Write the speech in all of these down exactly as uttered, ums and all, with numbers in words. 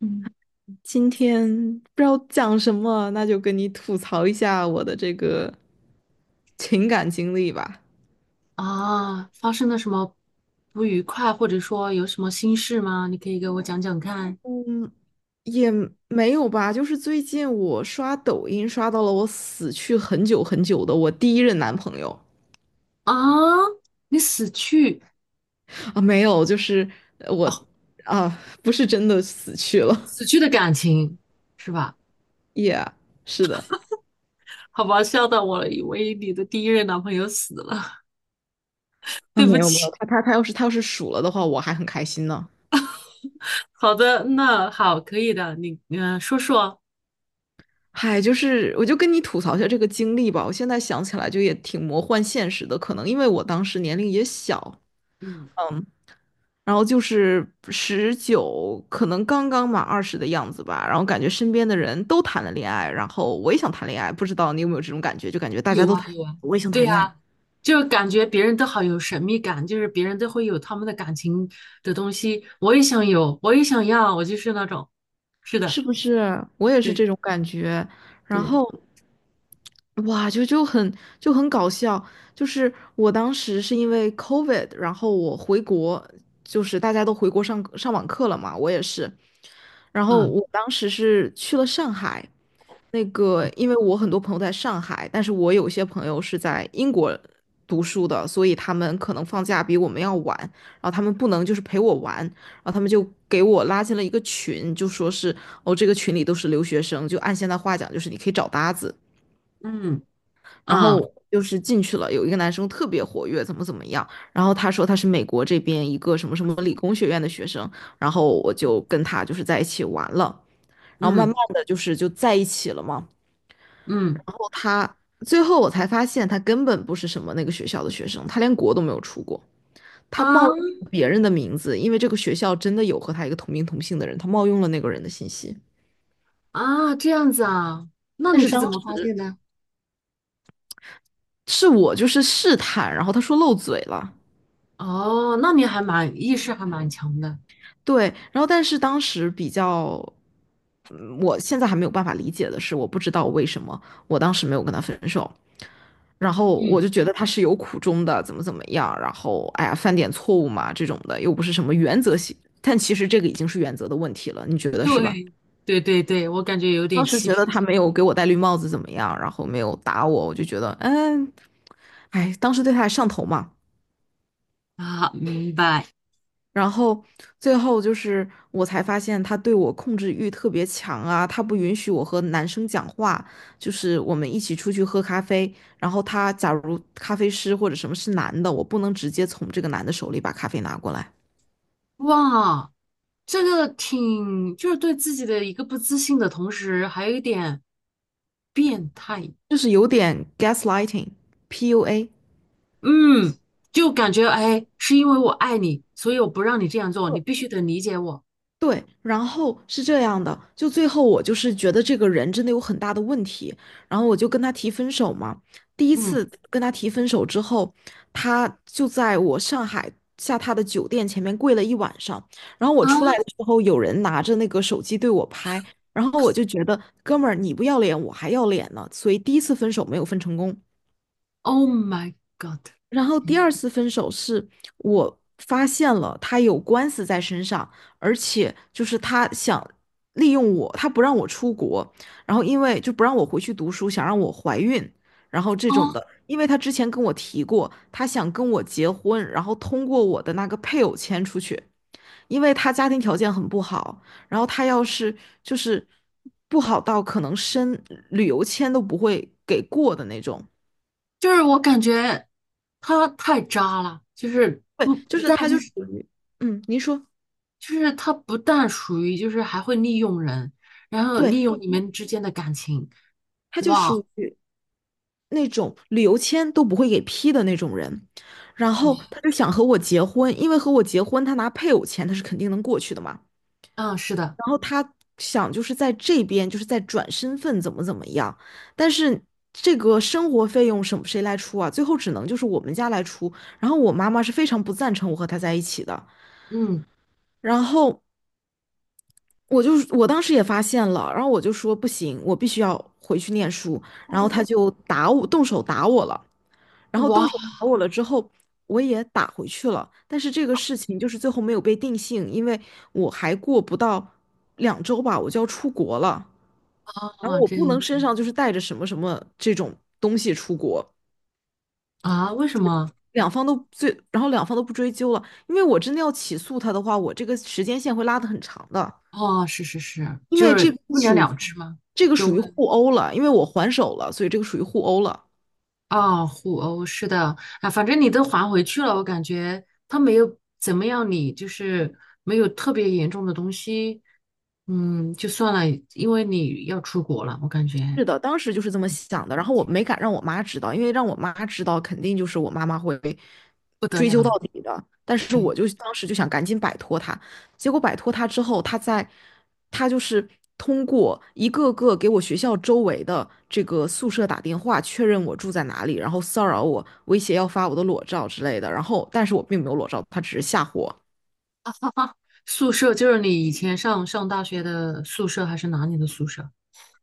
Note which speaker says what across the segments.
Speaker 1: 嗯。
Speaker 2: 今天不知道讲什么，那就跟你吐槽一下我的这个情感经历吧。
Speaker 1: 啊，发生了什么不愉快，或者说有什么心事吗？你可以给我讲讲看。
Speaker 2: 嗯，也没有吧，就是最近我刷抖音刷到了我死去很久很久的我第一任男朋友
Speaker 1: 啊。你死去
Speaker 2: 啊，没有，就是呃我啊，不是真的死去了
Speaker 1: 死去的感情是吧？
Speaker 2: ，yeah，是的，
Speaker 1: 好吧，笑到我了，以为你的第一任男朋友死了。
Speaker 2: 啊，
Speaker 1: 对
Speaker 2: 没
Speaker 1: 不
Speaker 2: 有没有，
Speaker 1: 起。
Speaker 2: 他他他要是他要是数了的话，我还很开心呢。
Speaker 1: 好的，那好，可以的。你嗯、呃说说。
Speaker 2: 嗨，就是我就跟你吐槽一下这个经历吧。我现在想起来就也挺魔幻现实的，可能因为我当时年龄也小，
Speaker 1: 嗯，
Speaker 2: 嗯，然后就是十九，可能刚刚满二十的样子吧。然后感觉身边的人都谈了恋爱，然后我也想谈恋爱，不知道你有没有这种感觉？就感觉大家
Speaker 1: 有
Speaker 2: 都
Speaker 1: 啊
Speaker 2: 谈，
Speaker 1: 有啊，
Speaker 2: 我也想谈
Speaker 1: 对
Speaker 2: 恋爱，
Speaker 1: 呀，就感觉别人都好有神秘感，就是别人都会有他们的感情的东西，我也想有，我也想要，我就是那种。是
Speaker 2: 是
Speaker 1: 的。
Speaker 2: 不是？我也是
Speaker 1: 对。
Speaker 2: 这种感觉。然
Speaker 1: 对，
Speaker 2: 后，哇，就就很就很搞笑。就是我当时是因为 COVID，然后我回国，就是大家都回国上上网课了嘛，我也是。然后
Speaker 1: 嗯
Speaker 2: 我当时是去了上海，那个，因为我很多朋友在上海，但是我有些朋友是在英国读书的，所以他们可能放假比我们要晚，然后他们不能就是陪我玩，然后他们就给我拉进了一个群，就说是哦，这个群里都是留学生，就按现在话讲，就是你可以找搭子。
Speaker 1: 嗯，
Speaker 2: 然后
Speaker 1: 啊，
Speaker 2: 就是进去了，有一个男生特别活跃，怎么怎么样，然后他说他是美国这边一个什么什么理工学院的学生，然后我就跟他就是在一起玩了，然后慢
Speaker 1: 嗯
Speaker 2: 慢的就是就在一起了嘛。
Speaker 1: 嗯，
Speaker 2: 然后他最后我才发现，他根本不是什么那个学校的学生，他连国都没有出过，
Speaker 1: 啊。
Speaker 2: 他冒用别人的名字，因为这个学校真的有和他一个同名同姓的人，他冒用了那个人的信息。
Speaker 1: 啊，这样子啊，那
Speaker 2: 但
Speaker 1: 你
Speaker 2: 是
Speaker 1: 是
Speaker 2: 当
Speaker 1: 怎
Speaker 2: 时
Speaker 1: 么发现的？
Speaker 2: 是我就是试探，然后他说漏嘴了，
Speaker 1: 哦，那你还蛮意识还蛮强的。
Speaker 2: 对，然后但是当时比较，嗯我现在还没有办法理解的是，我不知道为什么我当时没有跟他分手，然后
Speaker 1: 嗯，
Speaker 2: 我就觉得他是有苦衷的，怎么怎么样，然后哎呀犯点错误嘛这种的，又不是什么原则性，但其实这个已经是原则的问题了，你觉得是吧？
Speaker 1: 对对对对，我感觉有点
Speaker 2: 当时
Speaker 1: 欺
Speaker 2: 觉得
Speaker 1: 骗
Speaker 2: 他
Speaker 1: 性。
Speaker 2: 没有给我戴绿帽子怎么样，然后没有打我，我就觉得嗯，哎，当时对他还上头嘛。
Speaker 1: 啊，明白。
Speaker 2: 然后最后就是我才发现他对我控制欲特别强啊，他不允许我和男生讲话，就是我们一起出去喝咖啡，然后他假如咖啡师或者什么是男的，我不能直接从这个男的手里把咖啡拿过来，
Speaker 1: 哇，这个挺就是对自己的一个不自信的同时，还有一点变态。
Speaker 2: 就是有点 gaslighting，P U A。
Speaker 1: 嗯，就感觉哎，是因为我爱你，所以我不让你这样做，你必须得理解我。
Speaker 2: 对，然后是这样的，就最后我就是觉得这个人真的有很大的问题，然后我就跟他提分手嘛。第一
Speaker 1: 嗯。
Speaker 2: 次跟他提分手之后，他就在我上海下榻的酒店前面跪了一晚上，然后我
Speaker 1: 啊。
Speaker 2: 出来的时候，有人拿着那个手机对我拍，然后我就觉得哥们儿你不要脸我还要脸呢，所以第一次分手没有分成功。
Speaker 1: Oh my God！
Speaker 2: 然后第二次分手是我发现了他有官司在身上，而且就是他想利用我，他不让我出国，然后因为就不让我回去读书，想让我怀孕，然后这种
Speaker 1: 哦，
Speaker 2: 的，因为他之前跟我提过，他想跟我结婚，然后通过我的那个配偶签出去，因为他家庭条件很不好，然后他要是就是不好到可能申旅游签都不会给过的那种，
Speaker 1: 就是我感觉他太渣了，就是
Speaker 2: 对，
Speaker 1: 不
Speaker 2: 就
Speaker 1: 不
Speaker 2: 是
Speaker 1: 但
Speaker 2: 他
Speaker 1: 就
Speaker 2: 就属
Speaker 1: 是
Speaker 2: 于，嗯，您说。
Speaker 1: 就是他不但属于就是还会利用人，然后
Speaker 2: 对，
Speaker 1: 利用你们之间的感情。
Speaker 2: 他就
Speaker 1: 哇，
Speaker 2: 属于那种旅游签都不会给批的那种人，然后他就想和我结婚，因为和我结婚，他拿配偶钱他是肯定能过去的嘛。
Speaker 1: 嗯，是的，
Speaker 2: 然后他想就是在这边就是在转身份怎么怎么样，但是这个生活费用什么谁来出啊？最后只能就是我们家来出。然后我妈妈是非常不赞成我和他在一起的，
Speaker 1: 嗯。
Speaker 2: 然后。我就我当时也发现了，然后我就说不行，我必须要回去念书，然后他就 打我，动手打我了。然后动
Speaker 1: 哇，
Speaker 2: 手打我了之后，我也打回去了，但是这个事情就是最后没有被定性，因为我还过不到两周吧，我就要出国了，然后我
Speaker 1: 这
Speaker 2: 不
Speaker 1: 样
Speaker 2: 能
Speaker 1: 子
Speaker 2: 身上就是带着什么什么这种东西出国，
Speaker 1: 啊？为什么？
Speaker 2: 两方都最，然后两方都不追究了，因为我真的要起诉他的话，我这个时间线会拉得很长的，
Speaker 1: 哦，是是是，
Speaker 2: 因
Speaker 1: 就
Speaker 2: 为这
Speaker 1: 是
Speaker 2: 个不
Speaker 1: 不了
Speaker 2: 属
Speaker 1: 了
Speaker 2: 于
Speaker 1: 之吗？
Speaker 2: 这个属于互殴了，因为我还手了，所以这个属于互殴了。
Speaker 1: 哦，互殴是的。啊，反正你都还回去了，我感觉他没有怎么样你，就是没有特别严重的东西，嗯，就算了，因为你要出国了，我感觉
Speaker 2: 是的，当时就是这么想的，然后我没敢让我妈知道，因为让我妈知道，肯定就是我妈妈会
Speaker 1: 不得
Speaker 2: 追
Speaker 1: 了
Speaker 2: 究到
Speaker 1: 了。
Speaker 2: 底的。但是
Speaker 1: 对，
Speaker 2: 我就当时就想赶紧摆脱她，结果摆脱她之后，她在，她就是通过一个个给我学校周围的这个宿舍打电话确认我住在哪里，然后骚扰我，威胁要发我的裸照之类的。然后，但是我并没有裸照，她只是吓唬我。
Speaker 1: 宿舍就是你以前上上大学的宿舍还是哪里的宿舍？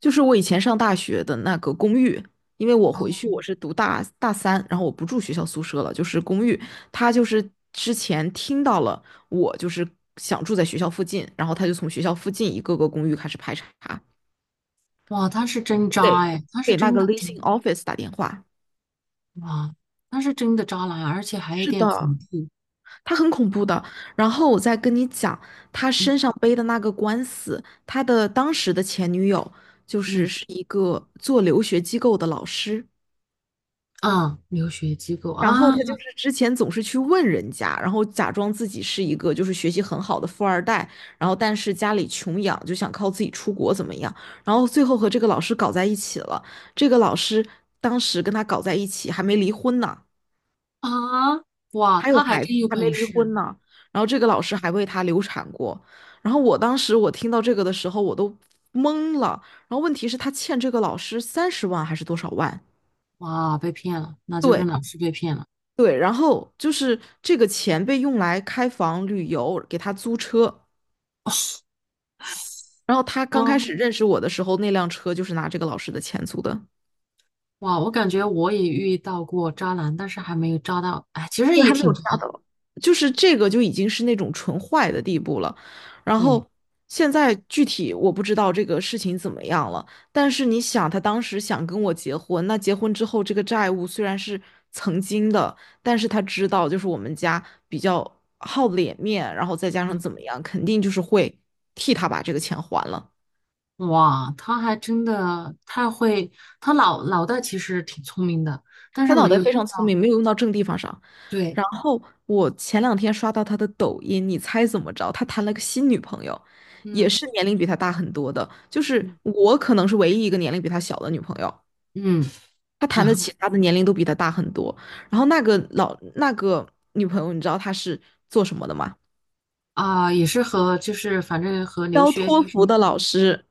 Speaker 2: 就是我以前上大学的那个公寓，因为我回去
Speaker 1: 哦。
Speaker 2: 我是读大大三，然后我不住学校宿舍了，就是公寓。他就是之前听到了我就是想住在学校附近，然后他就从学校附近一个个公寓开始排查，
Speaker 1: 哇，他是真渣
Speaker 2: 给
Speaker 1: 哎，他是
Speaker 2: 给那
Speaker 1: 真
Speaker 2: 个
Speaker 1: 的渣。
Speaker 2: leasing office 打电话。
Speaker 1: 哇，他是真的渣男，而且还有
Speaker 2: 是
Speaker 1: 点
Speaker 2: 的，
Speaker 1: 恐怖。
Speaker 2: 他很恐怖的。然后我再跟你讲，他
Speaker 1: 嗯
Speaker 2: 身上背的那个官司，他的当时的前女友就是
Speaker 1: 嗯，
Speaker 2: 是一个做留学机构的老师。
Speaker 1: 啊，留学机构
Speaker 2: 然后
Speaker 1: 啊。
Speaker 2: 他就是之前总是去问人家，然后假装自己是一个就是学习很好的富二代，然后但是家里穷养，就想靠自己出国怎么样？然后最后和这个老师搞在一起了。这个老师当时跟他搞在一起，还没离婚呢，
Speaker 1: 啊，哇，
Speaker 2: 还有
Speaker 1: 他还
Speaker 2: 孩子，
Speaker 1: 真有
Speaker 2: 还没
Speaker 1: 本
Speaker 2: 离婚
Speaker 1: 事。
Speaker 2: 呢。然后这个老师还为他流产过。然后我当时我听到这个的时候，我都懵了。然后问题是，他欠这个老师三十万还是多少万？
Speaker 1: 哇，被骗了，那就是
Speaker 2: 对，
Speaker 1: 老师被骗了。
Speaker 2: 对，然后就是这个钱被用来开房、旅游，给他租车。然后他刚开始
Speaker 1: 嗯，
Speaker 2: 认识我的时候，那辆车就是拿这个老师的钱租的。
Speaker 1: 哇，我感觉我也遇到过渣男，但是还没有渣到，哎，其实
Speaker 2: 对，
Speaker 1: 也
Speaker 2: 还没
Speaker 1: 挺
Speaker 2: 有
Speaker 1: 渣
Speaker 2: 加
Speaker 1: 的。
Speaker 2: 的，就是这个就已经是那种纯坏的地步了。然
Speaker 1: 对。
Speaker 2: 后现在具体我不知道这个事情怎么样了，但是你想，他当时想跟我结婚，那结婚之后这个债务虽然是曾经的，但是他知道就是我们家比较好脸面，然后再加上
Speaker 1: 嗯，
Speaker 2: 怎么样，肯定就是会替他把这个钱还了。
Speaker 1: 哇，他还真的太会，他脑脑袋其实挺聪明的，但是
Speaker 2: 他脑
Speaker 1: 没
Speaker 2: 袋
Speaker 1: 有
Speaker 2: 非
Speaker 1: 遇
Speaker 2: 常聪
Speaker 1: 到。
Speaker 2: 明，没有用到正地方上。
Speaker 1: 对，
Speaker 2: 然后我前两天刷到他的抖音，你猜怎么着？他谈了个新女朋友，也
Speaker 1: 嗯
Speaker 2: 是年龄比他大很多的，就是
Speaker 1: 嗯
Speaker 2: 我可能是唯一一个年龄比他小的女朋友。
Speaker 1: 嗯，
Speaker 2: 他谈的
Speaker 1: 然后
Speaker 2: 其他的年龄都比他大很多。然后那个老那个女朋友，你知道她是做什么的吗？
Speaker 1: 啊，也是和就是反正和留
Speaker 2: 教
Speaker 1: 学啊
Speaker 2: 托
Speaker 1: 什
Speaker 2: 福
Speaker 1: 么。
Speaker 2: 的老师。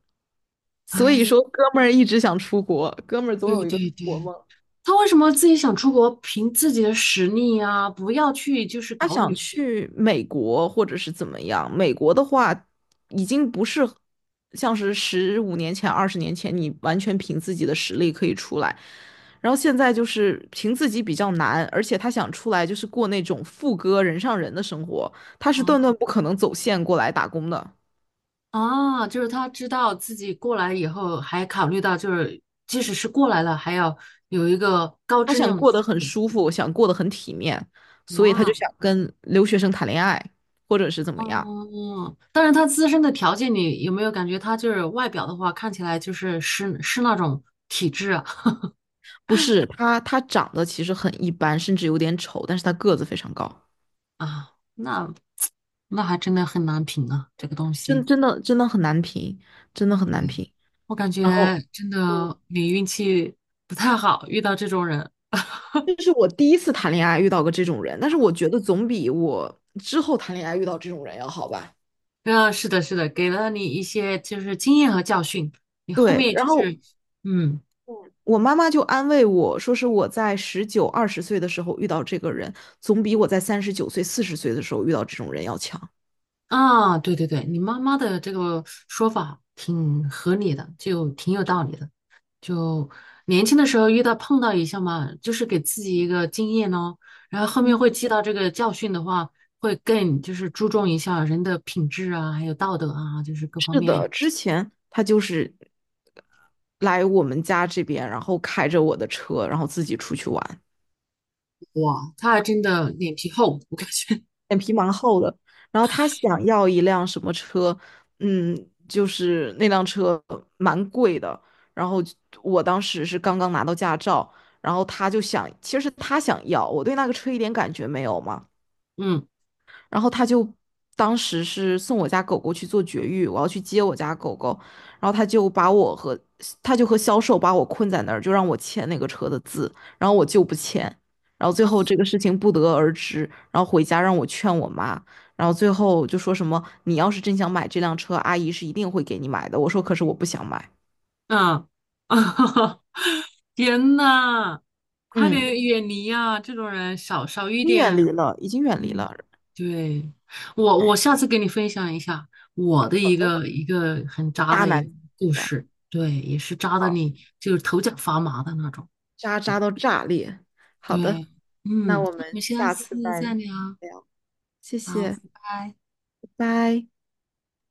Speaker 2: 所以
Speaker 1: 哎，
Speaker 2: 说，哥们儿一直想出国，哥们儿总
Speaker 1: 对
Speaker 2: 有一个出
Speaker 1: 对
Speaker 2: 国
Speaker 1: 对，
Speaker 2: 梦。
Speaker 1: 他为什么自己想出国，凭自己的实力啊，不要去就是
Speaker 2: 他
Speaker 1: 搞
Speaker 2: 想
Speaker 1: 女。
Speaker 2: 去美国或者是怎么样？美国的话，已经不是像是十五年前、二十年前，你完全凭自己的实力可以出来。然后现在就是凭自己比较难，而且他想出来就是过那种副歌人上人的生活，他是
Speaker 1: 啊。
Speaker 2: 断断不可能走线过来打工的。
Speaker 1: 啊，就是他知道自己过来以后，还考虑到就是即使是过来了，还要有一个高
Speaker 2: 他
Speaker 1: 质
Speaker 2: 想
Speaker 1: 量的
Speaker 2: 过得
Speaker 1: 生
Speaker 2: 很
Speaker 1: 活。
Speaker 2: 舒服，想过得很体面，所以他就
Speaker 1: 哇，
Speaker 2: 想跟留学生谈恋爱，或者是怎么样。
Speaker 1: 嗯，但是他自身的条件，你有没有感觉他就是外表的话，看起来就是是是那种体质啊？
Speaker 2: 不是，他他长得其实很一般，甚至有点丑，但是他个子非常高。
Speaker 1: 啊，那那还真的很难评啊，这个东西。
Speaker 2: 真真的真的很难评，真的很难
Speaker 1: 嗯，
Speaker 2: 评。
Speaker 1: 我感觉
Speaker 2: 然后，
Speaker 1: 真
Speaker 2: 嗯，
Speaker 1: 的你运气不太好，遇到这种人。
Speaker 2: 这是我第一次谈恋爱遇到过这种人，但是我觉得总比我之后谈恋爱遇到这种人要好吧。
Speaker 1: 啊，是的，是的，给了你一些就是经验和教训，你后
Speaker 2: 对，
Speaker 1: 面
Speaker 2: 然
Speaker 1: 就
Speaker 2: 后
Speaker 1: 是嗯。
Speaker 2: 嗯我妈妈就安慰我说，是我在十九、二十岁的时候遇到这个人，总比我在三十九岁、四十岁的时候遇到这种人要强。
Speaker 1: 啊，对对对，你妈妈的这个说法挺合理的，就挺有道理的。就年轻的时候遇到碰到一下嘛，就是给自己一个经验咯，然后后面会记到这个教训的话，会更就是注重一下人的品质啊，还有道德啊，就是各方
Speaker 2: 是的，
Speaker 1: 面。
Speaker 2: 之前他就是来我们家这边，然后开着我的车，然后自己出去玩。
Speaker 1: 哇，他还真的脸皮厚，我感觉。
Speaker 2: 脸皮蛮厚的。然后他想要一辆什么车，嗯，就是那辆车蛮贵的。然后我当时是刚刚拿到驾照，然后他就想，其实他想要，我对那个车一点感觉没有嘛。
Speaker 1: 嗯
Speaker 2: 然后他就当时是送我家狗狗去做绝育，我要去接我家狗狗，然后他就把我和他就和销售把我困在那儿，就让我签那个车的字，然后我就不签，然后最后这个事情不得而知，然后回家让我劝我妈，然后最后就说什么你要是真想买这辆车，阿姨是一定会给你买的，我说可是我不想买，
Speaker 1: 嗯。啊，天呐，快
Speaker 2: 嗯，
Speaker 1: 点远离啊，这种人少少一
Speaker 2: 你远
Speaker 1: 点。
Speaker 2: 离了，已经远离
Speaker 1: 嗯，
Speaker 2: 了，
Speaker 1: 对，我我
Speaker 2: 哎，
Speaker 1: 下次给你分享一下我的
Speaker 2: 好
Speaker 1: 一
Speaker 2: 的，
Speaker 1: 个一个很渣
Speaker 2: 渣
Speaker 1: 的一
Speaker 2: 男
Speaker 1: 个故
Speaker 2: 是吧？
Speaker 1: 事，对，也是渣的
Speaker 2: 好，
Speaker 1: 你就是头脚发麻的那种，
Speaker 2: 渣
Speaker 1: 对
Speaker 2: 渣到炸裂，好的。
Speaker 1: 对。
Speaker 2: 那
Speaker 1: 嗯，
Speaker 2: 我
Speaker 1: 那我
Speaker 2: 们
Speaker 1: 们下
Speaker 2: 下次
Speaker 1: 次
Speaker 2: 再
Speaker 1: 再聊。
Speaker 2: 聊，谢
Speaker 1: 好，
Speaker 2: 谢，
Speaker 1: 拜拜。
Speaker 2: 拜拜。